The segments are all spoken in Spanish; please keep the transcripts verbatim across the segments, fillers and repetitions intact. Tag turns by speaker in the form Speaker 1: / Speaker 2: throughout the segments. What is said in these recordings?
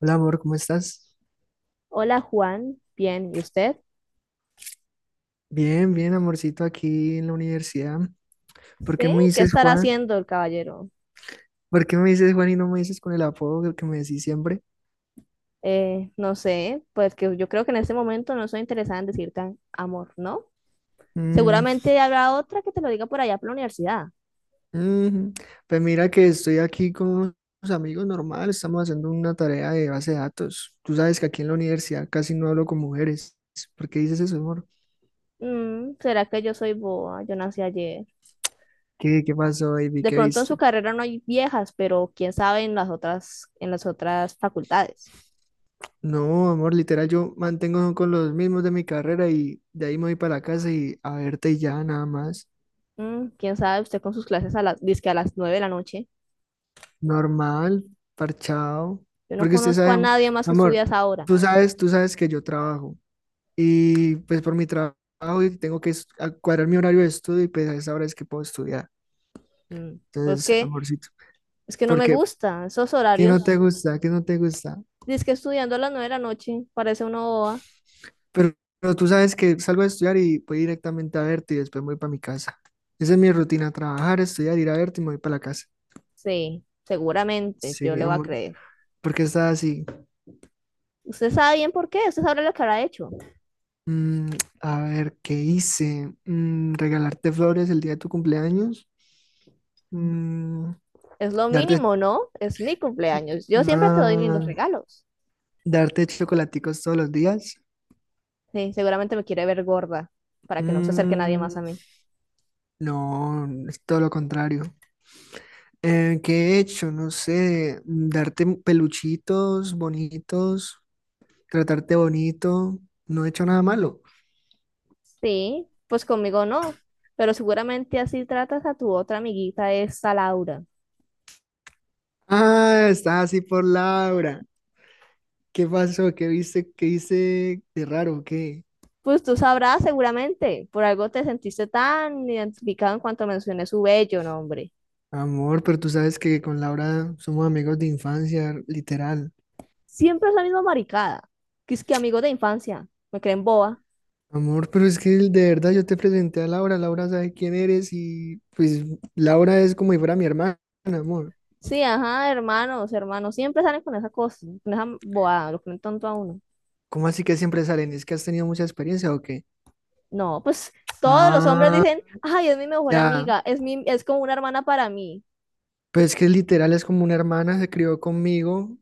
Speaker 1: Hola amor, ¿cómo estás?
Speaker 2: Hola Juan, bien, ¿y usted?
Speaker 1: Bien, bien, amorcito, aquí en la universidad. ¿Por qué
Speaker 2: Sí,
Speaker 1: me
Speaker 2: ¿qué
Speaker 1: dices
Speaker 2: estará
Speaker 1: Juan?
Speaker 2: haciendo el caballero?
Speaker 1: ¿Por qué me dices Juan y no me dices con el apodo que me decís siempre?
Speaker 2: Eh, no sé, pues que yo creo que en este momento no soy interesada en decirte am- amor, ¿no?
Speaker 1: Mm.
Speaker 2: Seguramente habrá otra que te lo diga por allá por la universidad.
Speaker 1: Mm. Pues mira que estoy aquí con unos amigos normal, estamos haciendo una tarea de base de datos. Tú sabes que aquí en la universidad casi no hablo con mujeres. ¿Por qué dices eso, amor?
Speaker 2: Mm, ¿será que yo soy boa? Yo nací ayer.
Speaker 1: ¿Qué, qué pasó, baby?
Speaker 2: De
Speaker 1: ¿Qué
Speaker 2: pronto en
Speaker 1: viste?
Speaker 2: su carrera no hay viejas, pero quién sabe en las otras, en las otras facultades.
Speaker 1: No, amor, literal, yo mantengo con los mismos de mi carrera y de ahí me voy para la casa y a verte y ya, nada más.
Speaker 2: Mm, quién sabe usted con sus clases a las, dizque a las nueve de la noche.
Speaker 1: Normal, parchado.
Speaker 2: Yo no
Speaker 1: Porque usted
Speaker 2: conozco
Speaker 1: sabe,
Speaker 2: a
Speaker 1: am-
Speaker 2: nadie más que estudia
Speaker 1: amor,
Speaker 2: a esa hora.
Speaker 1: tú sabes, tú sabes que yo trabajo y pues por mi tra- trabajo y tengo que es- a- cuadrar mi horario de estudio y pues a esa hora es que puedo estudiar.
Speaker 2: Mm, pues
Speaker 1: Entonces,
Speaker 2: que
Speaker 1: amorcito,
Speaker 2: es que no me
Speaker 1: porque
Speaker 2: gusta esos
Speaker 1: ¿qué no te
Speaker 2: horarios.
Speaker 1: gusta? ¿Qué no te gusta?
Speaker 2: Dice que estudiando a las nueve de la noche, parece una boba.
Speaker 1: Pero, pero tú sabes que salgo a estudiar y voy directamente a verte y después me voy para mi casa. Esa es mi rutina, trabajar, estudiar, ir a verte y me voy para la casa.
Speaker 2: Sí, seguramente, yo
Speaker 1: Sí,
Speaker 2: le voy a
Speaker 1: amor,
Speaker 2: creer.
Speaker 1: ¿porque está así?
Speaker 2: Usted sabe bien por qué, usted sabe lo que habrá hecho.
Speaker 1: Mm, a ver, ¿qué hice? Mm, regalarte flores el día de tu cumpleaños. Mm,
Speaker 2: Es lo
Speaker 1: darte,
Speaker 2: mínimo, ¿no? Es mi cumpleaños. Yo siempre te doy lindos
Speaker 1: ah,
Speaker 2: regalos.
Speaker 1: darte chocolaticos todos los días.
Speaker 2: Sí, seguramente me quiere ver gorda para que no se acerque nadie
Speaker 1: Mm,
Speaker 2: más a mí.
Speaker 1: no, es todo lo contrario. Eh, ¿qué he hecho? No sé, mm, darte peluchitos bonitos, tratarte bonito. No he hecho nada malo.
Speaker 2: Sí, pues conmigo no, pero seguramente así tratas a tu otra amiguita, esta Laura.
Speaker 1: Ah, está así por Laura. ¿Qué pasó? ¿Qué viste? ¿Qué hice de raro? ¿Qué?
Speaker 2: Pues tú sabrás seguramente, por algo te sentiste tan identificado en cuanto mencioné su bello nombre.
Speaker 1: Amor, pero tú sabes que con Laura somos amigos de infancia, literal.
Speaker 2: Siempre es la misma maricada. Que es que amigos de infancia, me creen boba.
Speaker 1: Amor, pero es que de verdad yo te presenté a Laura, Laura sabe quién eres y pues Laura es como si fuera mi hermana, amor.
Speaker 2: Sí, ajá, hermanos, hermanos, siempre salen con esa cosa, con esa bobada, lo ponen tonto a uno.
Speaker 1: ¿Cómo así que siempre salen? ¿Es que has tenido mucha experiencia o qué?
Speaker 2: No, pues todos los hombres
Speaker 1: Ah,
Speaker 2: dicen, ay, es mi mejor
Speaker 1: ya,
Speaker 2: amiga, es mi, es como una hermana para mí.
Speaker 1: pues que literal es como una hermana, se crió conmigo.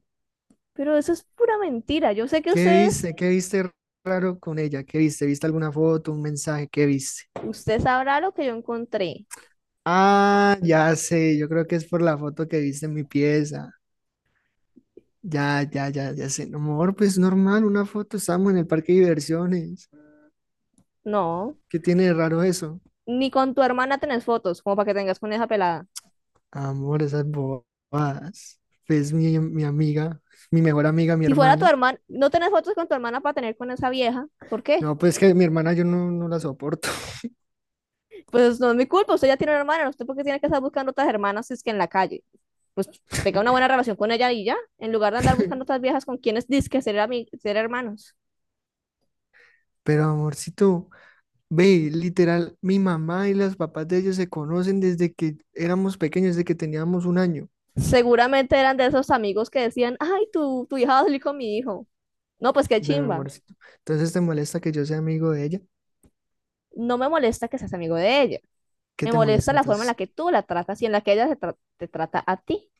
Speaker 2: Pero eso es pura mentira. Yo sé que
Speaker 1: ¿Qué
Speaker 2: ustedes,
Speaker 1: viste? ¿Qué viste raro con ella? ¿Qué viste? ¿Viste alguna foto, un mensaje? ¿Qué viste?
Speaker 2: usted sabrá lo que yo encontré.
Speaker 1: Ah, ya sé, yo creo que es por la foto que viste en mi pieza. Ya, ya, ya, ya sé. No, amor, pues normal, una foto, estamos en el parque de diversiones.
Speaker 2: No,
Speaker 1: ¿Qué tiene de raro eso?
Speaker 2: ni con tu hermana tenés fotos, como para que tengas con esa pelada.
Speaker 1: Amor, esas bobadas. Pues mi, mi amiga, mi mejor amiga, mi
Speaker 2: Si fuera tu
Speaker 1: hermana.
Speaker 2: hermana, no tenés fotos con tu hermana para tener con esa vieja, ¿por qué?
Speaker 1: No, pues que mi hermana yo no, no la soporto.
Speaker 2: Pues no es mi culpa, usted ya tiene una hermana, usted porque tiene que estar buscando otras hermanas si es que en la calle. Pues tenga una buena relación con ella y ya, en lugar de andar buscando otras viejas con quienes dizque ser, ami- ser hermanos.
Speaker 1: Pero amorcito, ve, literal, mi mamá y los papás de ellos se conocen desde que éramos pequeños, desde que teníamos un año.
Speaker 2: Seguramente eran de esos amigos que decían, ay, tu, tu hija va a salir con mi hijo. No, pues qué
Speaker 1: Bueno,
Speaker 2: chimba.
Speaker 1: amorcito, entonces te molesta que yo sea amigo de ella.
Speaker 2: No me molesta que seas amigo de ella.
Speaker 1: ¿Qué
Speaker 2: Me
Speaker 1: te
Speaker 2: molesta
Speaker 1: molesta
Speaker 2: la forma en la
Speaker 1: entonces?
Speaker 2: que tú la tratas y en la que ella se tra- te trata a ti.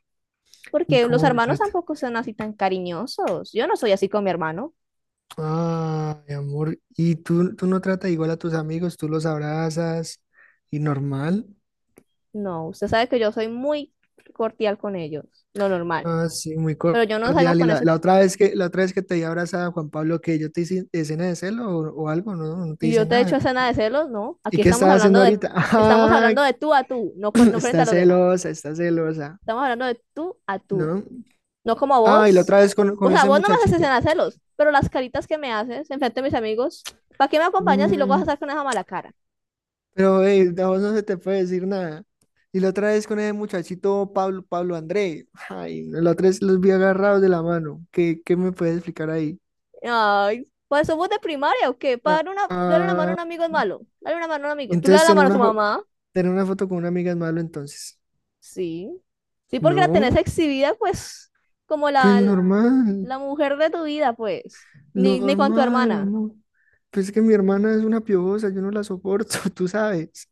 Speaker 1: ¿Y
Speaker 2: Porque los
Speaker 1: cómo me
Speaker 2: hermanos
Speaker 1: trata?
Speaker 2: tampoco son así tan cariñosos. Yo no soy así con mi hermano.
Speaker 1: Ah, mi amor, ¿y tú, tú no tratas igual a tus amigos? ¿Tú los abrazas y normal?
Speaker 2: No, usted sabe que yo soy muy cordial con ellos, lo normal.
Speaker 1: Ah, sí, muy
Speaker 2: Pero yo no salgo
Speaker 1: cordial. ¿Y
Speaker 2: con
Speaker 1: la,
Speaker 2: eso.
Speaker 1: la otra vez que, la otra vez que te di abrazada, Juan Pablo, que yo te hice escena de celo o, o algo? No, no te
Speaker 2: Y
Speaker 1: hice
Speaker 2: yo te he
Speaker 1: nada.
Speaker 2: hecho escena de celos, no.
Speaker 1: ¿Y
Speaker 2: Aquí
Speaker 1: qué
Speaker 2: estamos
Speaker 1: estás haciendo
Speaker 2: hablando de,
Speaker 1: ahorita?
Speaker 2: estamos hablando de
Speaker 1: Ah,
Speaker 2: tú a tú, no, con, no frente
Speaker 1: está
Speaker 2: a los demás.
Speaker 1: celosa, está celosa,
Speaker 2: Estamos hablando de tú a tú,
Speaker 1: ¿no?
Speaker 2: no como
Speaker 1: Ah, y la
Speaker 2: vos.
Speaker 1: otra vez con,
Speaker 2: O
Speaker 1: con
Speaker 2: sea,
Speaker 1: ese
Speaker 2: vos no me haces
Speaker 1: muchachito.
Speaker 2: escena de celos, pero las caritas que me haces enfrente de mis amigos, ¿para qué me acompañas y luego vas a
Speaker 1: Mm,
Speaker 2: estar con esa mala cara?
Speaker 1: Pero ey, a vos no se te puede decir nada. Y la otra vez con ese muchachito Pablo, Pablo André. Ay, la otra vez los vi agarrados de la mano. ¿Qué, qué me puedes explicar ahí?
Speaker 2: Ay, ¿pues somos de primaria o qué? Para
Speaker 1: Ah,
Speaker 2: dar una, darle una mano a
Speaker 1: ah,
Speaker 2: un amigo es malo. Dale una mano a un amigo. Tú le das
Speaker 1: entonces
Speaker 2: la
Speaker 1: tener
Speaker 2: mano a tu
Speaker 1: una foto,
Speaker 2: mamá.
Speaker 1: tener una foto con una amiga es malo entonces.
Speaker 2: Sí. Sí, porque la tenés
Speaker 1: No,
Speaker 2: exhibida, pues, como
Speaker 1: pues
Speaker 2: la,
Speaker 1: normal,
Speaker 2: la mujer de tu vida, pues. Ni, ni con tu
Speaker 1: normal,
Speaker 2: hermana.
Speaker 1: amor. Pues es que mi hermana es una piojosa, yo no la soporto, tú sabes.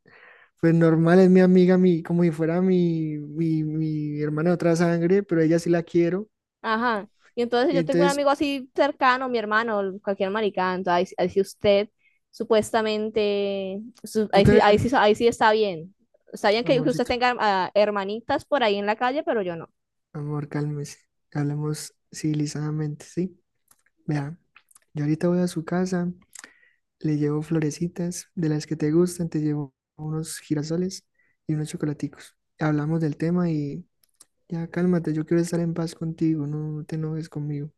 Speaker 1: Pues normal, es mi amiga, mi, como si fuera mi, mi, mi hermana de otra sangre, pero ella sí la quiero.
Speaker 2: Ajá. Y entonces si
Speaker 1: Y
Speaker 2: yo tengo un
Speaker 1: entonces
Speaker 2: amigo así cercano, mi hermano, cualquier maricán, entonces ahí, sí, ahí sí usted supuestamente, su-
Speaker 1: tú
Speaker 2: ahí, sí, ahí, sí,
Speaker 1: tenés,
Speaker 2: ahí sí está bien. Está bien que que usted
Speaker 1: amorcito,
Speaker 2: tenga ah, hermanitas por ahí en la calle, pero yo no.
Speaker 1: amor, cálmese. Hablemos civilizadamente, ¿sí? Vea, yo ahorita voy a su casa, le llevo florecitas de las que te gustan, te llevo unos girasoles y unos chocolaticos. Hablamos del tema y ya cálmate, yo quiero estar en paz contigo, no, no te enojes conmigo.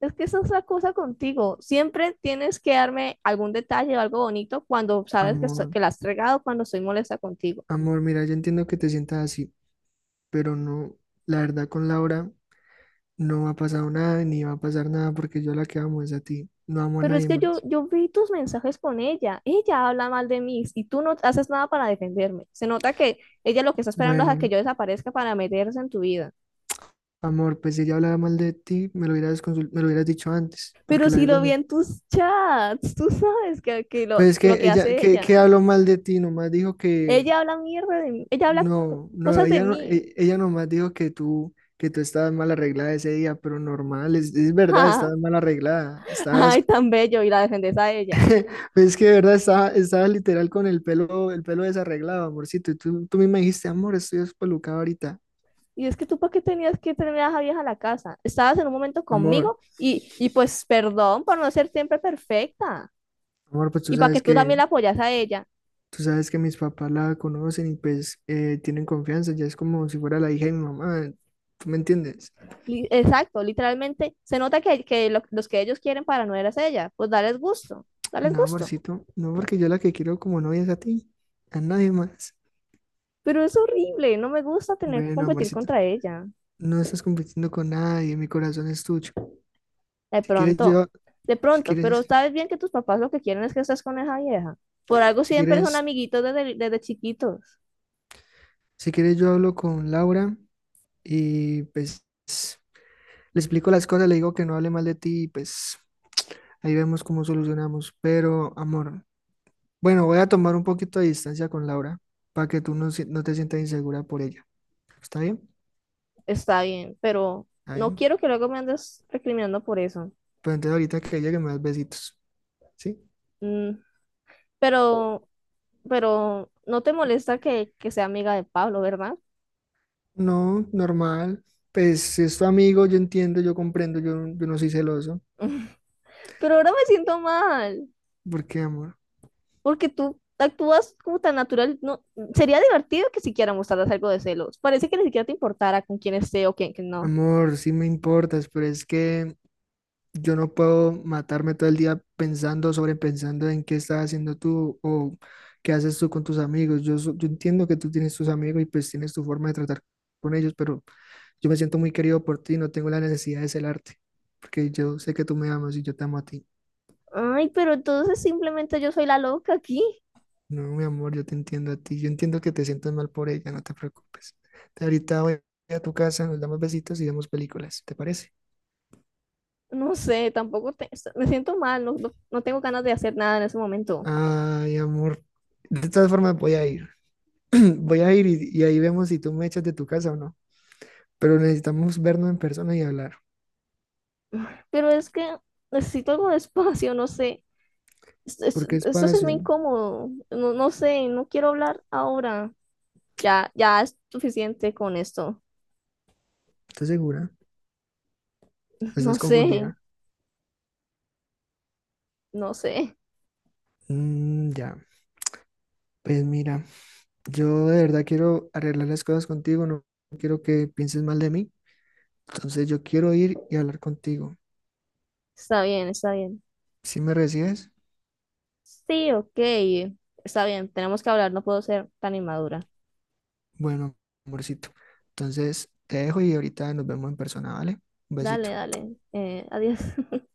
Speaker 2: Es que esa es la cosa contigo. Siempre tienes que darme algún detalle o algo bonito cuando sabes que, so-
Speaker 1: Amor,
Speaker 2: que la has regado, cuando soy molesta contigo.
Speaker 1: amor, mira, yo entiendo que te sientas así, pero no, la verdad con Laura no ha pasado nada ni va a pasar nada porque yo la que amo es a ti, no amo a
Speaker 2: Pero es
Speaker 1: nadie
Speaker 2: que yo,
Speaker 1: más.
Speaker 2: yo vi tus mensajes con ella. Ella habla mal de mí y tú no haces nada para defenderme. Se nota que ella lo que está esperando es a que
Speaker 1: Bueno,
Speaker 2: yo desaparezca para meterse en tu vida.
Speaker 1: amor, pues si ella hablaba mal de ti, me lo hubieras consul- me lo hubieras dicho antes, porque
Speaker 2: Pero
Speaker 1: la
Speaker 2: si
Speaker 1: verdad
Speaker 2: lo vi
Speaker 1: no.
Speaker 2: en tus chats, tú sabes que, que lo,
Speaker 1: Pues es
Speaker 2: que lo
Speaker 1: que
Speaker 2: que
Speaker 1: ella,
Speaker 2: hace
Speaker 1: que,
Speaker 2: ella.
Speaker 1: que habló mal de ti, nomás dijo que
Speaker 2: Ella habla mierda de mí. Ella habla co-
Speaker 1: no, no,
Speaker 2: cosas de
Speaker 1: ella no,
Speaker 2: mí.
Speaker 1: e- ella nomás dijo que tú, que tú estabas mal arreglada ese día, pero normal, es, es
Speaker 2: Ja,
Speaker 1: verdad,
Speaker 2: ja.
Speaker 1: estabas mal arreglada, estabas,
Speaker 2: Ay, tan bello. Y la defendes a ella.
Speaker 1: pues es que de verdad estaba, estaba literal con el pelo, el pelo desarreglado, amorcito, y tú, tú misma dijiste, amor, estoy despelucado ahorita,
Speaker 2: Y es que tú, ¿para qué tenías que tener a esa vieja a la casa? Estabas en un momento
Speaker 1: amor,
Speaker 2: conmigo y, y pues perdón por no ser siempre perfecta.
Speaker 1: amor, pues tú
Speaker 2: Y para que
Speaker 1: sabes
Speaker 2: tú
Speaker 1: que
Speaker 2: también la apoyas a ella.
Speaker 1: tú sabes que mis papás la conocen y pues eh, tienen confianza, ya es como si fuera la hija de mi mamá, ¿tú me entiendes?
Speaker 2: Li- Exacto, literalmente se nota que, que lo- los que ellos quieren para no eras ella, pues dales gusto, dales
Speaker 1: No,
Speaker 2: gusto.
Speaker 1: amorcito, no porque yo la que quiero como novia es a ti, a nadie más.
Speaker 2: Pero es horrible, no me gusta tener que
Speaker 1: Bueno,
Speaker 2: competir
Speaker 1: amorcito,
Speaker 2: contra ella.
Speaker 1: no estás compitiendo con nadie, mi corazón es tuyo.
Speaker 2: De
Speaker 1: Si quieres
Speaker 2: pronto,
Speaker 1: yo,
Speaker 2: de
Speaker 1: si
Speaker 2: pronto, pero
Speaker 1: quieres,
Speaker 2: sabes bien que tus papás lo que quieren es que estés con esa vieja. Por algo
Speaker 1: si
Speaker 2: siempre son
Speaker 1: quieres,
Speaker 2: amiguitos desde, desde chiquitos.
Speaker 1: si quieres yo hablo con Laura y pues le explico las cosas, le digo que no hable mal de ti y pues ahí vemos cómo solucionamos. Pero, amor. Bueno, voy a tomar un poquito de distancia con Laura para que tú no, si- no te sientas insegura por ella. ¿Está bien?
Speaker 2: Está bien, pero
Speaker 1: ¿Está
Speaker 2: no
Speaker 1: bien?
Speaker 2: quiero que luego me andes recriminando por eso.
Speaker 1: Pues entonces ahorita que llegue me das besitos. ¿Sí?
Speaker 2: Mm, pero, pero no te molesta que, que sea amiga de Pablo, ¿verdad?
Speaker 1: No, normal. Pues si es tu amigo, yo entiendo, yo comprendo, yo, no- yo no soy celoso.
Speaker 2: Pero ahora me siento mal.
Speaker 1: ¿Por qué, amor?
Speaker 2: Porque tú actúas como tan natural. No, sería divertido que siquiera mostraras algo de celos. Parece que ni siquiera te importara con quién esté o quién que no.
Speaker 1: Amor, sí me importas, pero es que yo no puedo matarme todo el día pensando, sobrepensando en qué estás haciendo tú o qué haces tú con tus amigos. Yo, so- yo entiendo que tú tienes tus amigos y pues tienes tu forma de tratar con ellos, pero. Yo me siento muy querido por ti, no tengo la necesidad de celarte, porque yo sé que tú me amas y yo te amo a ti.
Speaker 2: Ay, pero entonces simplemente yo soy la loca aquí.
Speaker 1: No, mi amor, yo te entiendo a ti. Yo entiendo que te sientas mal por ella, no te preocupes. Te- Ahorita voy a tu casa, nos damos besitos y vemos películas, ¿te parece?
Speaker 2: No sé, tampoco te- me siento mal, no, no, no tengo ganas de hacer nada en ese momento.
Speaker 1: Ay, amor. De todas formas, voy a ir. Voy a ir y, y ahí vemos si tú me echas de tu casa o no. Pero necesitamos vernos en persona y hablar.
Speaker 2: Pero es que necesito algo de espacio, no sé. Esto, esto-
Speaker 1: ¿Por qué
Speaker 2: esto sí es muy
Speaker 1: espacio?
Speaker 2: incómodo. No, no sé, no quiero hablar ahora. Ya, ya es suficiente con esto.
Speaker 1: ¿Estás segura? ¿Estás
Speaker 2: No sé,
Speaker 1: confundida?
Speaker 2: no sé.
Speaker 1: Mm, ya. Pues mira. Yo de verdad quiero arreglar las cosas contigo, no quiero que pienses mal de mí. Entonces yo quiero ir y hablar contigo.
Speaker 2: Está bien, está bien.
Speaker 1: ¿Si me recibes?
Speaker 2: Sí, ok. Está bien, tenemos que hablar, no puedo ser tan inmadura.
Speaker 1: Bueno, amorcito. Entonces te dejo y ahorita nos vemos en persona, ¿vale? Un
Speaker 2: Dale,
Speaker 1: besito.
Speaker 2: dale. Eh, adiós.